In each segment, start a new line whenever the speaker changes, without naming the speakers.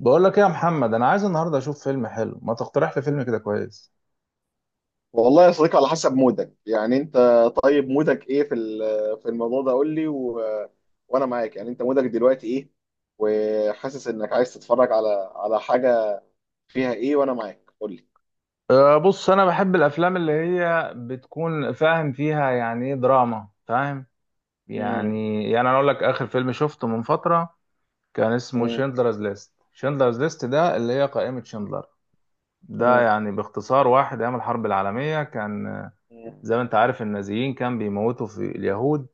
بقول لك ايه يا محمد، انا عايز النهارده اشوف فيلم حلو، ما تقترح لي فيلم كده كويس؟
والله يا صديقي، على حسب مودك يعني انت. طيب مودك ايه في في الموضوع ده؟ قول لي وانا معاك يعني. انت مودك دلوقتي ايه، وحاسس انك عايز تتفرج على حاجة فيها ايه؟ وانا معاك، قول لي.
أه، بص، انا بحب الافلام اللي هي بتكون فاهم فيها يعني ايه دراما، فاهم؟
مم.
يعني انا اقول لك اخر فيلم شفته من فتره كان اسمه
مم.
شندلرز ليست. شندلرز ليست ده
تمام.
اللي هي قائمه شندلر. ده
مم.
يعني باختصار واحد ايام الحرب العالميه كان زي ما
مم.
انت عارف، النازيين كان بيموتوا في
مم.
اليهود،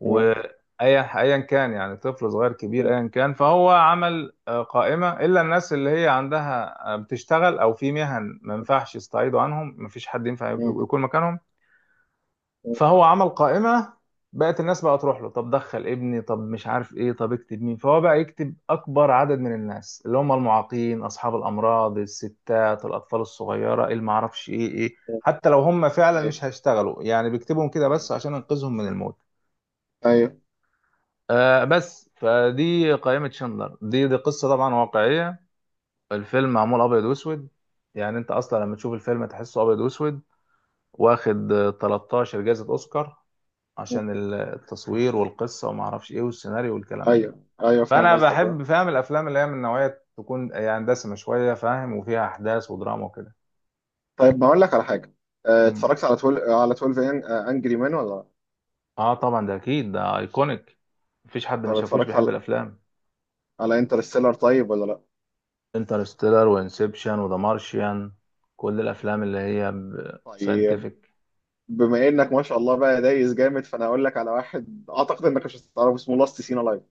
وايا كان يعني طفل صغير كبير
مم.
ايا كان، فهو عمل قائمه الا الناس اللي هي عندها بتشتغل او في مهن ما ينفعش يستعيضوا عنهم، ما فيش حد ينفع
مم.
يكون مكانهم.
مم.
فهو عمل قائمه. بقت الناس بقى تروح له، طب دخل ابني، طب مش عارف ايه، طب اكتب مين، فهو بقى يكتب اكبر عدد من الناس اللي هم المعاقين، اصحاب الامراض، الستات، الاطفال الصغيره، اللي ما اعرفش ايه ايه،
مم.
حتى لو هم فعلا
ايوه.
مش هيشتغلوا يعني بيكتبهم كده
مم.
بس عشان ينقذهم من الموت.
ايوه.
آه، بس فدي قائمة شندلر دي. دي قصة طبعا واقعية. الفيلم معمول أبيض وأسود. يعني أنت أصلا لما تشوف الفيلم تحسه أبيض وأسود. واخد 13 جائزة أوسكار،
مم.
عشان التصوير والقصة وما أعرفش إيه والسيناريو والكلام ده.
ايوه ايوه، فاهم
فأنا
قصدك، اه.
بحب، فاهم، الأفلام اللي هي من نوعية تكون يعني دسمة شوية، فاهم، وفيها أحداث ودراما وكده.
طيب ما اقول لك على حاجة. اه،
مم.
اتفرجت على 12، على 12 انجري مان ولا لا؟
آه، طبعا ده أكيد، ده أيكونيك. مفيش حد ما
طب
شافوش
اتفرجت
بيحب
على
الأفلام.
انترستيلر طيب ولا لا؟
انترستيلر وانسبشن وذا مارشيان، كل الافلام اللي هي
طيب
ساينتفك.
بما انك ما شاء الله بقى دايس جامد، فانا اقول لك على واحد اعتقد انك مش هتعرفه، اسمه لاست سينا لايف.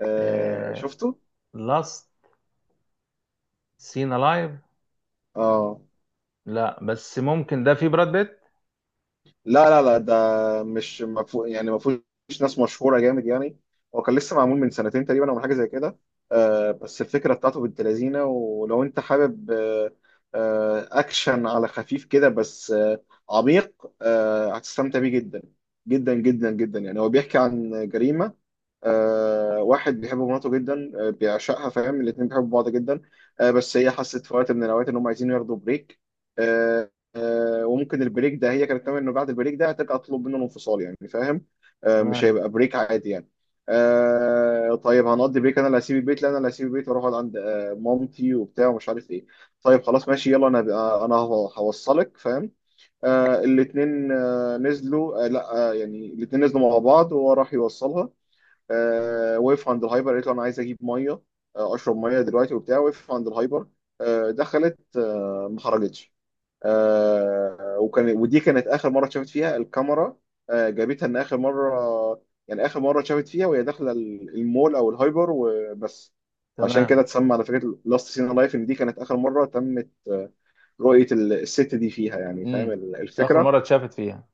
آه، شفته؟
لاست سين الايف.
اه.
لا، بس ممكن ده في براد بيت؟
لا لا لا، ده مش مفهو يعني، ما فيهوش ناس مشهوره جامد يعني. هو كان لسه معمول من سنتين تقريبا او من حاجه زي كده. آه بس الفكره بتاعته بنت لذينه، ولو انت حابب اكشن على خفيف كده بس عميق، آه هتستمتع بيه جدا جدا جدا جدا. يعني هو بيحكي عن جريمه. واحد بيحب مراته جدا، آه بيعشقها، فاهم، الاتنين بيحبوا بعض جدا. آه بس هي حست في وقت من الاوقات ان هم عايزين ياخدوا بريك. آه وممكن البريك ده هي كانت تعمل انه بعد البريك ده هتبقى تطلب منه الانفصال يعني، فاهم؟ آه مش
تمام.
هيبقى بريك عادي يعني. طيب هنقضي بريك، انا اللي هسيب البيت، لا انا اللي هسيب البيت واروح اقعد عند مامتي وبتاع ومش عارف ايه. طيب خلاص ماشي، يلا انا انا هوصلك، فاهم. الاتنين نزلوا، لا يعني الاتنين نزلوا مع بعض وهو راح يوصلها. آه وقف عند الهايبر، قالت له انا عايز اجيب ميه، اشرب ميه دلوقتي وبتاع. وقف عند الهايبر، دخلت، ما خرجتش. آه وكان ودي كانت اخر مره اتشافت فيها الكاميرا، آه جابتها ان اخر مره، يعني اخر مره اتشافت فيها وهي داخله المول او الهايبر، وبس. عشان كده
تمام.
اتسمى على فكره لاست سين لايف، ان دي كانت اخر مره تمت رؤيه الست دي فيها يعني، فاهم
امم. اخر
الفكره.
مره اتشافت فيها.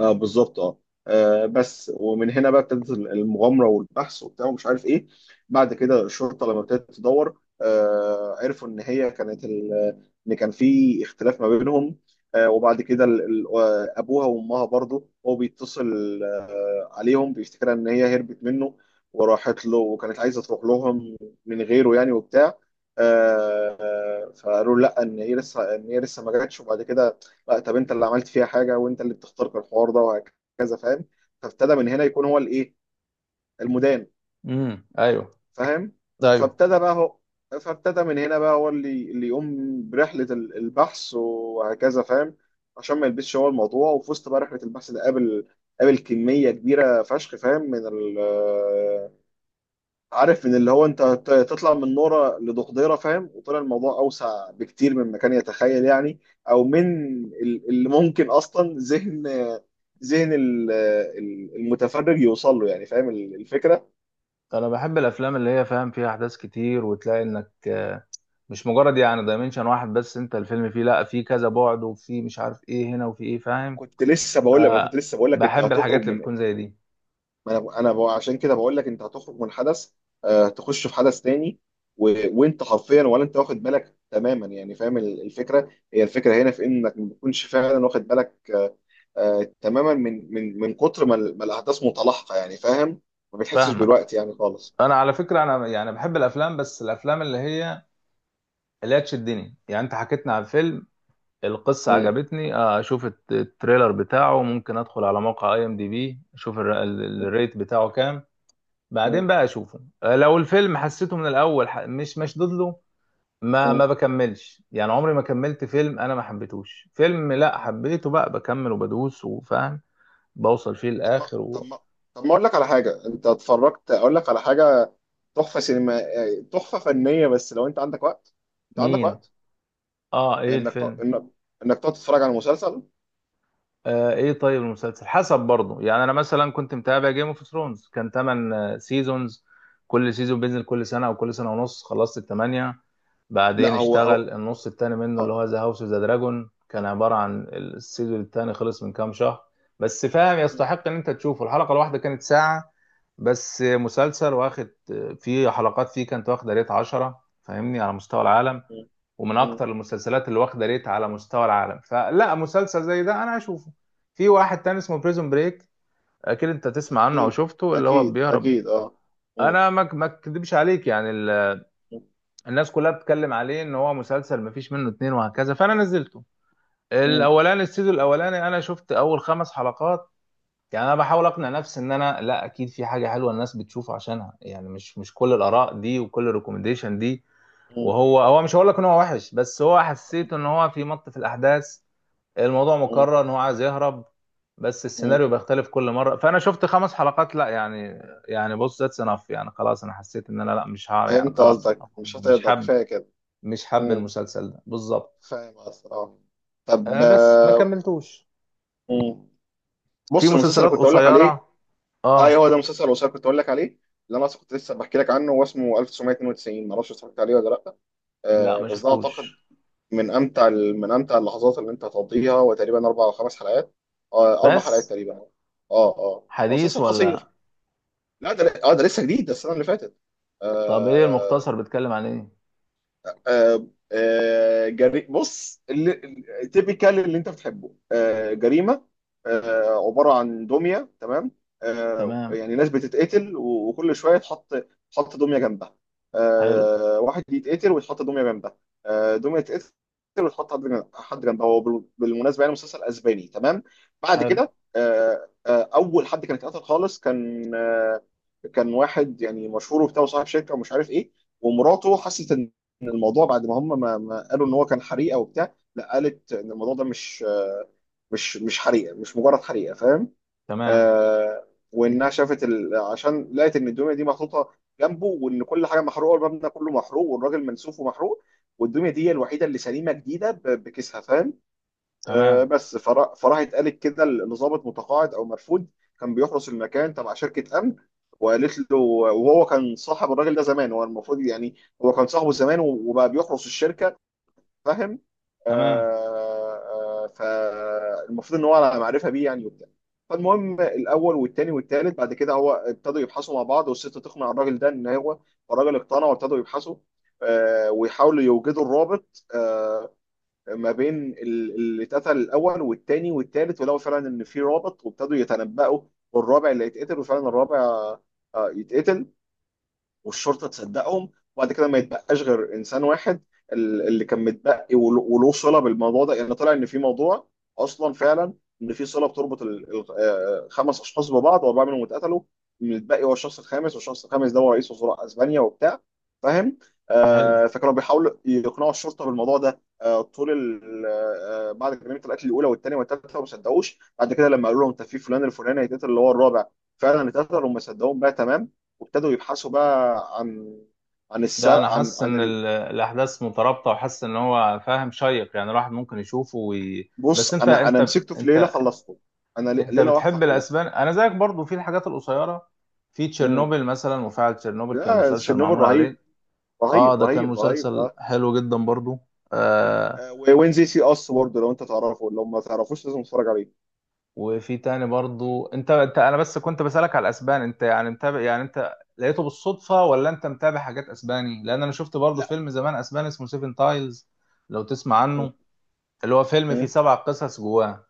اه بالظبط اه. بس ومن هنا بقى ابتدت المغامره والبحث وبتاع ومش عارف ايه. بعد كده الشرطه لما ابتدت تدور، عرفوا ان هي كانت ان كان في اختلاف ما بينهم. وبعد كده ابوها وامها برضه هو بيتصل عليهم، بيفتكرها ان هي هربت منه وراحت له، وكانت عايزه تروح لهم من غيره يعني وبتاع. فقالوا لا، ان هي لسه ما جاتش. وبعد كده لا، طب انت اللي عملت فيها حاجه، وانت اللي بتخترق الحوار ده وهكذا، فاهم. فابتدى من هنا يكون هو الايه، المدان،
امم، ايوه.
فاهم.
ايوه.
فابتدى بقى هو فابتدى من هنا بقى هو اللي يقوم برحله البحث وهكذا، فاهم، عشان ما يلبسش هو الموضوع. وفي وسط بقى رحله البحث ده، قابل كميه كبيره فشخ، فاهم، من ال، عارف، ان اللي هو انت تطلع من نوره لدقديره فاهم، وطلع الموضوع اوسع بكتير مما كان يتخيل يعني، او من اللي ممكن اصلا ذهن المتفرج يوصل له يعني، فاهم الفكره.
انا بحب الافلام اللي هي، فاهم، فيها احداث كتير، وتلاقي انك مش مجرد يعني دايمنشن واحد، بس انت الفيلم فيه لا، في كذا بعد وفي مش عارف ايه هنا وفي ايه، فاهم؟
كنت لسه بقول لك انت
فبحب
هتخرج
الحاجات اللي
من،
بتكون زي دي.
ما انا ب- انا ب- عشان كده بقول لك انت هتخرج من حدث تخش في حدث تاني و... وانت حرفيا ولا انت واخد بالك تماما يعني، فاهم الفكره. هي الفكره هنا في انك ما تكونش فعلا واخد بالك تماما من كتر ما الاحداث متلاحقه يعني، فاهم، ما بتحسش
فاهمك.
بالوقت يعني خالص.
انا على فكره، انا يعني بحب الافلام، بس الافلام اللي هي تشدني. يعني انت حكيتنا عن فيلم، القصه
مم.
عجبتني، اشوف التريلر بتاعه. ممكن ادخل على موقع IMDb اشوف
مم.
الريت بتاعه كام.
مم.
بعدين بقى اشوفه. لو الفيلم حسيته من الاول مش مشدود له، ما
مم.
ما بكملش. يعني عمري ما كملت فيلم انا ما حبيتهوش. فيلم لا حبيته بقى بكمل وبدوس، وفاهم، بوصل فيه
طب ما
للاخر.
طب ما طب ما اقول لك على حاجه. انت اتفرجت، اقول لك على حاجه، تحفه سينما، تحفه فنيه، بس لو انت عندك وقت، انت عندك
ومين؟
وقت
اه، ايه
انك ت...
الفيلم؟
انك انك تقعد تتفرج على مسلسل.
آه، ايه، طيب المسلسل حسب برضه. يعني انا مثلا كنت متابع جيم اوف ثرونز، كان 8 سيزونز. كل سيزون بينزل كل سنه او كل سنه ونص. خلصت الثمانيه.
لا
بعدين
هو
اشتغل النص التاني منه، اللي
اه.
هو ذا هاوس اوف ذا دراجون، كان عباره عن السيزون التاني. خلص من كام شهر. بس، فاهم،
م-
يستحق ان انت تشوفه. الحلقه الواحده كانت ساعه. بس مسلسل واخد في حلقات فيه كانت واخده ريت 10، فاهمني، على مستوى العالم.
م-
ومن
م.
اكتر المسلسلات اللي واخده ريت على مستوى العالم، فلا مسلسل زي ده انا هشوفه. في واحد تاني اسمه بريزون بريك، اكيد انت تسمع عنه او
اكيد
شفته، اللي هو
اكيد
بيهرب.
اكيد اه. م-
انا ما اكدبش عليك، يعني
م-
الناس كلها بتتكلم عليه ان هو مسلسل ما فيش منه اتنين وهكذا. فانا نزلته.
م-
السيزون الاولاني انا شفت اول خمس حلقات. يعني انا بحاول اقنع نفسي ان انا لا، اكيد في حاجه حلوه الناس بتشوفه عشانها، يعني مش كل الاراء دي وكل الريكومنديشن دي.
م-
وهو مش هقول لك ان هو وحش، بس هو حسيت ان هو في الاحداث، الموضوع
م-
مكرر، ان هو عايز يهرب. بس
م.
السيناريو بيختلف كل مره. فانا شفت خمس حلقات لا، يعني، يعني، بص، ذاتس انف. يعني خلاص، انا حسيت ان انا لا، مش هعرف، يعني
فهمت
خلاص.
قصدك، مش
مش
هتقدر
حاب.
كفايه كده.
مش حاب
م.
المسلسل ده بالظبط.
فاهم قصدك، اه. طب
آه، بس ما كملتوش.
م.
في
بص المسلسل اللي
مسلسلات
كنت اقول لك عليه،
قصيره.
اه
اه.
هو ده مسلسل الوثائقي كنت اقول لك عليه، اللي انا أصلاً كنت لسه بحكي لك عنه، هو اسمه 1992. ما اعرفش اتفرجت عليه ولا لا؟
لا،
آه
ما
بس ده اعتقد
شفتوش.
من امتع اللحظات اللي انت هتقضيها. هو تقريبا اربع او خمس حلقات، اربع حلقات
بس
تقريبا اه. اه هو
حديث
مسلسل قصير.
ولا؟
لا ده اه، ده لسه جديد، ده السنه اللي فاتت.
طب ايه
آه.
المختصر؟ بيتكلم عن ايه؟
جري، بص، اللي تيبيكال اللي انت بتحبه، جريمه. عباره عن دميه، تمام.
تمام.
يعني ناس بتتقتل وكل شويه تحط دميه جنبها.
حلو.
واحد يتقتل ويتحط دميه جنبها، دميه تتقتل وتحط حد حد جنبها. هو بالمناسبه يعني مسلسل اسباني، تمام. بعد
حلو.
كده اول حد كان اتقتل خالص، كان كان واحد يعني مشهور وبتاع وصاحب شركه ومش عارف ايه. ومراته حست ان، ان الموضوع بعد ما هم ما قالوا ان هو كان حريقه وبتاع، لا، قالت ان الموضوع ده مش، مش حريقه، مش مجرد حريقه، فاهم.
تمام.
وانها شافت ال، عشان لقت ان الدميه دي محطوطه جنبه، وان كل حاجه محروقه والمبنى كله محروق والراجل منسوف ومحروق، والدميه دي هي الوحيده اللي سليمه جديده بكيسها، فاهم.
تمام.
بس فراحت قالت كده، اللي ظابط متقاعد او مرفوض، كان بيحرس المكان تبع شركه امن. وقالت له، وهو كان صاحب الراجل ده زمان، هو المفروض يعني، هو كان صاحبه زمان وبقى بيحرس الشركه، فاهم.
تمام.
آه، فالمفروض ان هو على معرفه بيه يعني وبتاع. فالمهم، الاول والتاني والتالت بعد كده، هو ابتدوا يبحثوا مع بعض، والست تقنع الراجل ده ان هو، الراجل اقتنع وابتدوا يبحثوا ويحاولوا يوجدوا الرابط ما بين اللي اتقتل الاول والتاني والتالت. ولقوا فعلا ان في رابط، وابتدوا يتنبأوا والرابع اللي هيتقتل، وفعلا الرابع يتقتل والشرطه تصدقهم. وبعد كده ما يتبقاش غير انسان واحد اللي كان متبقي وله صله بالموضوع ده يعني. طلع ان في موضوع اصلا فعلا، ان في صله بتربط خمس اشخاص ببعض، واربعه منهم اتقتلوا، المتبقي هو الشخص الخامس. والشخص الخامس ده هو رئيس وزراء اسبانيا وبتاع، فاهم.
حلو.
آه فكانوا بيحاولوا يقنعوا الشرطه بالموضوع ده آه طول آه بعد جريمه القتل الاولى والثانيه والثالثه، وما صدقوش. بعد كده لما قالوا لهم انت في فلان الفلاني هيتقتل اللي هو الرابع، فعلا اتقتل وما صدقوهم بقى، تمام. وابتدوا يبحثوا بقى عن، عن
ده
السبب،
انا حاسس ان الاحداث مترابطه، وحاسس ان هو فاهم، شيق يعني، الواحد ممكن يشوفه، بس
بص
انت
انا
انت
مسكته في ليله
انت
خلصته، انا
انت
ليله واحده
بتحب
خلصته.
الاسبان؟ انا زيك برضو في الحاجات القصيره. في
امم.
تشيرنوبل مثلا، مفاعل تشيرنوبل كان
لا
مسلسل
تشيرنوبل
معمول عليه.
رهيب،
اه،
رهيب
ده كان
رهيب رهيب
مسلسل
اه.
حلو جدا برضو. آه.
وين زي سي اس برضه، لو انت تعرفه، لو ما تعرفوش لازم تتفرج عليه.
وفي تاني برضو. انت انا بس كنت بسالك على الاسبان، انت يعني متابع، يعني انت لقيته بالصدفه ولا انت متابع حاجات اسباني؟ لان انا شفت برضو
لا.
فيلم زمان اسباني اسمه سيفن تايلز، لو تسمع
مم.
عنه، اللي هو فيلم فيه
مم.
سبع قصص جواه.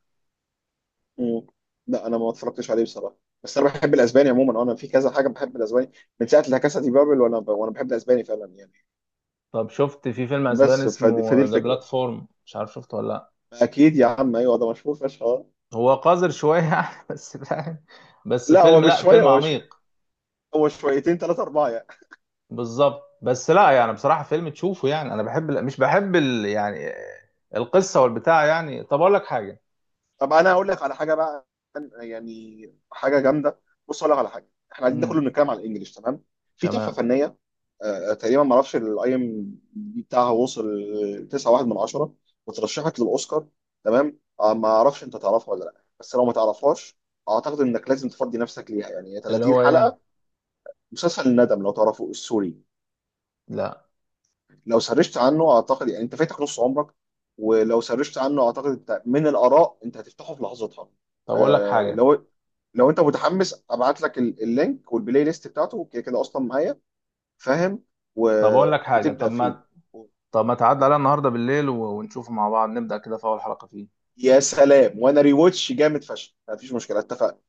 مم. لا انا ما اتفرجتش عليه بصراحه، بس انا بحب الاسباني عموما، انا في كذا حاجه بحب الاسباني، من ساعه لا كاسا دي بابل وانا وانا بحب الاسباني فعلا يعني.
طب شفت في فيلم اسباني
بس فدي
اسمه ذا
الفكره.
بلاتفورم؟ مش عارف شفته ولا لا؟
اكيد يا عم، ايوه ده مشهور فشخ آه.
هو قذر شويه يعني، بس فاهم، بس
لا هو
فيلم،
مش
لا
شويه،
فيلم عميق.
هو شويتين ثلاثة أربعة يعني.
بالظبط، بس لا يعني بصراحه فيلم تشوفه. يعني انا بحب، مش بحب يعني القصه والبتاع يعني. طب اقول لك حاجه؟
طب أنا هقول لك على حاجة بقى، يعني حاجة جامدة. بص هقول لك على حاجة، إحنا قاعدين ده كله
امم.
بنتكلم على الإنجليش، تمام. في تحفة
تمام.
فنية، تقريبا ما اعرفش الاي ام دي بتاعها وصل 9.1 من 10، وترشحت للاوسكار، تمام. ما اعرفش انت تعرفها ولا لا، بس لو ما تعرفهاش اعتقد انك لازم تفضي نفسك ليها يعني، هي
اللي
30
هو ايه؟
حلقه. مسلسل الندم، لو تعرفه، السوري.
لا.
لو سرشت عنه اعتقد يعني انت فاتك نص عمرك، ولو سرشت عنه اعتقد انت من الاراء انت هتفتحه في لحظتها.
طب اقول لك
آه
حاجه،
لو، لو انت متحمس ابعت لك اللينك والبلاي ليست بتاعته، كده كده اصلا معايا، فاهم، و...
طب اقول لك حاجه،
وتبدا
طب ما
فيه.
طب ما تعدي علينا النهارده بالليل، ونشوفه مع بعض، نبدا كده في اول حلقه فيه.
يا سلام، وانا ريواتش جامد فشخ، مفيش مشكله، اتفقنا.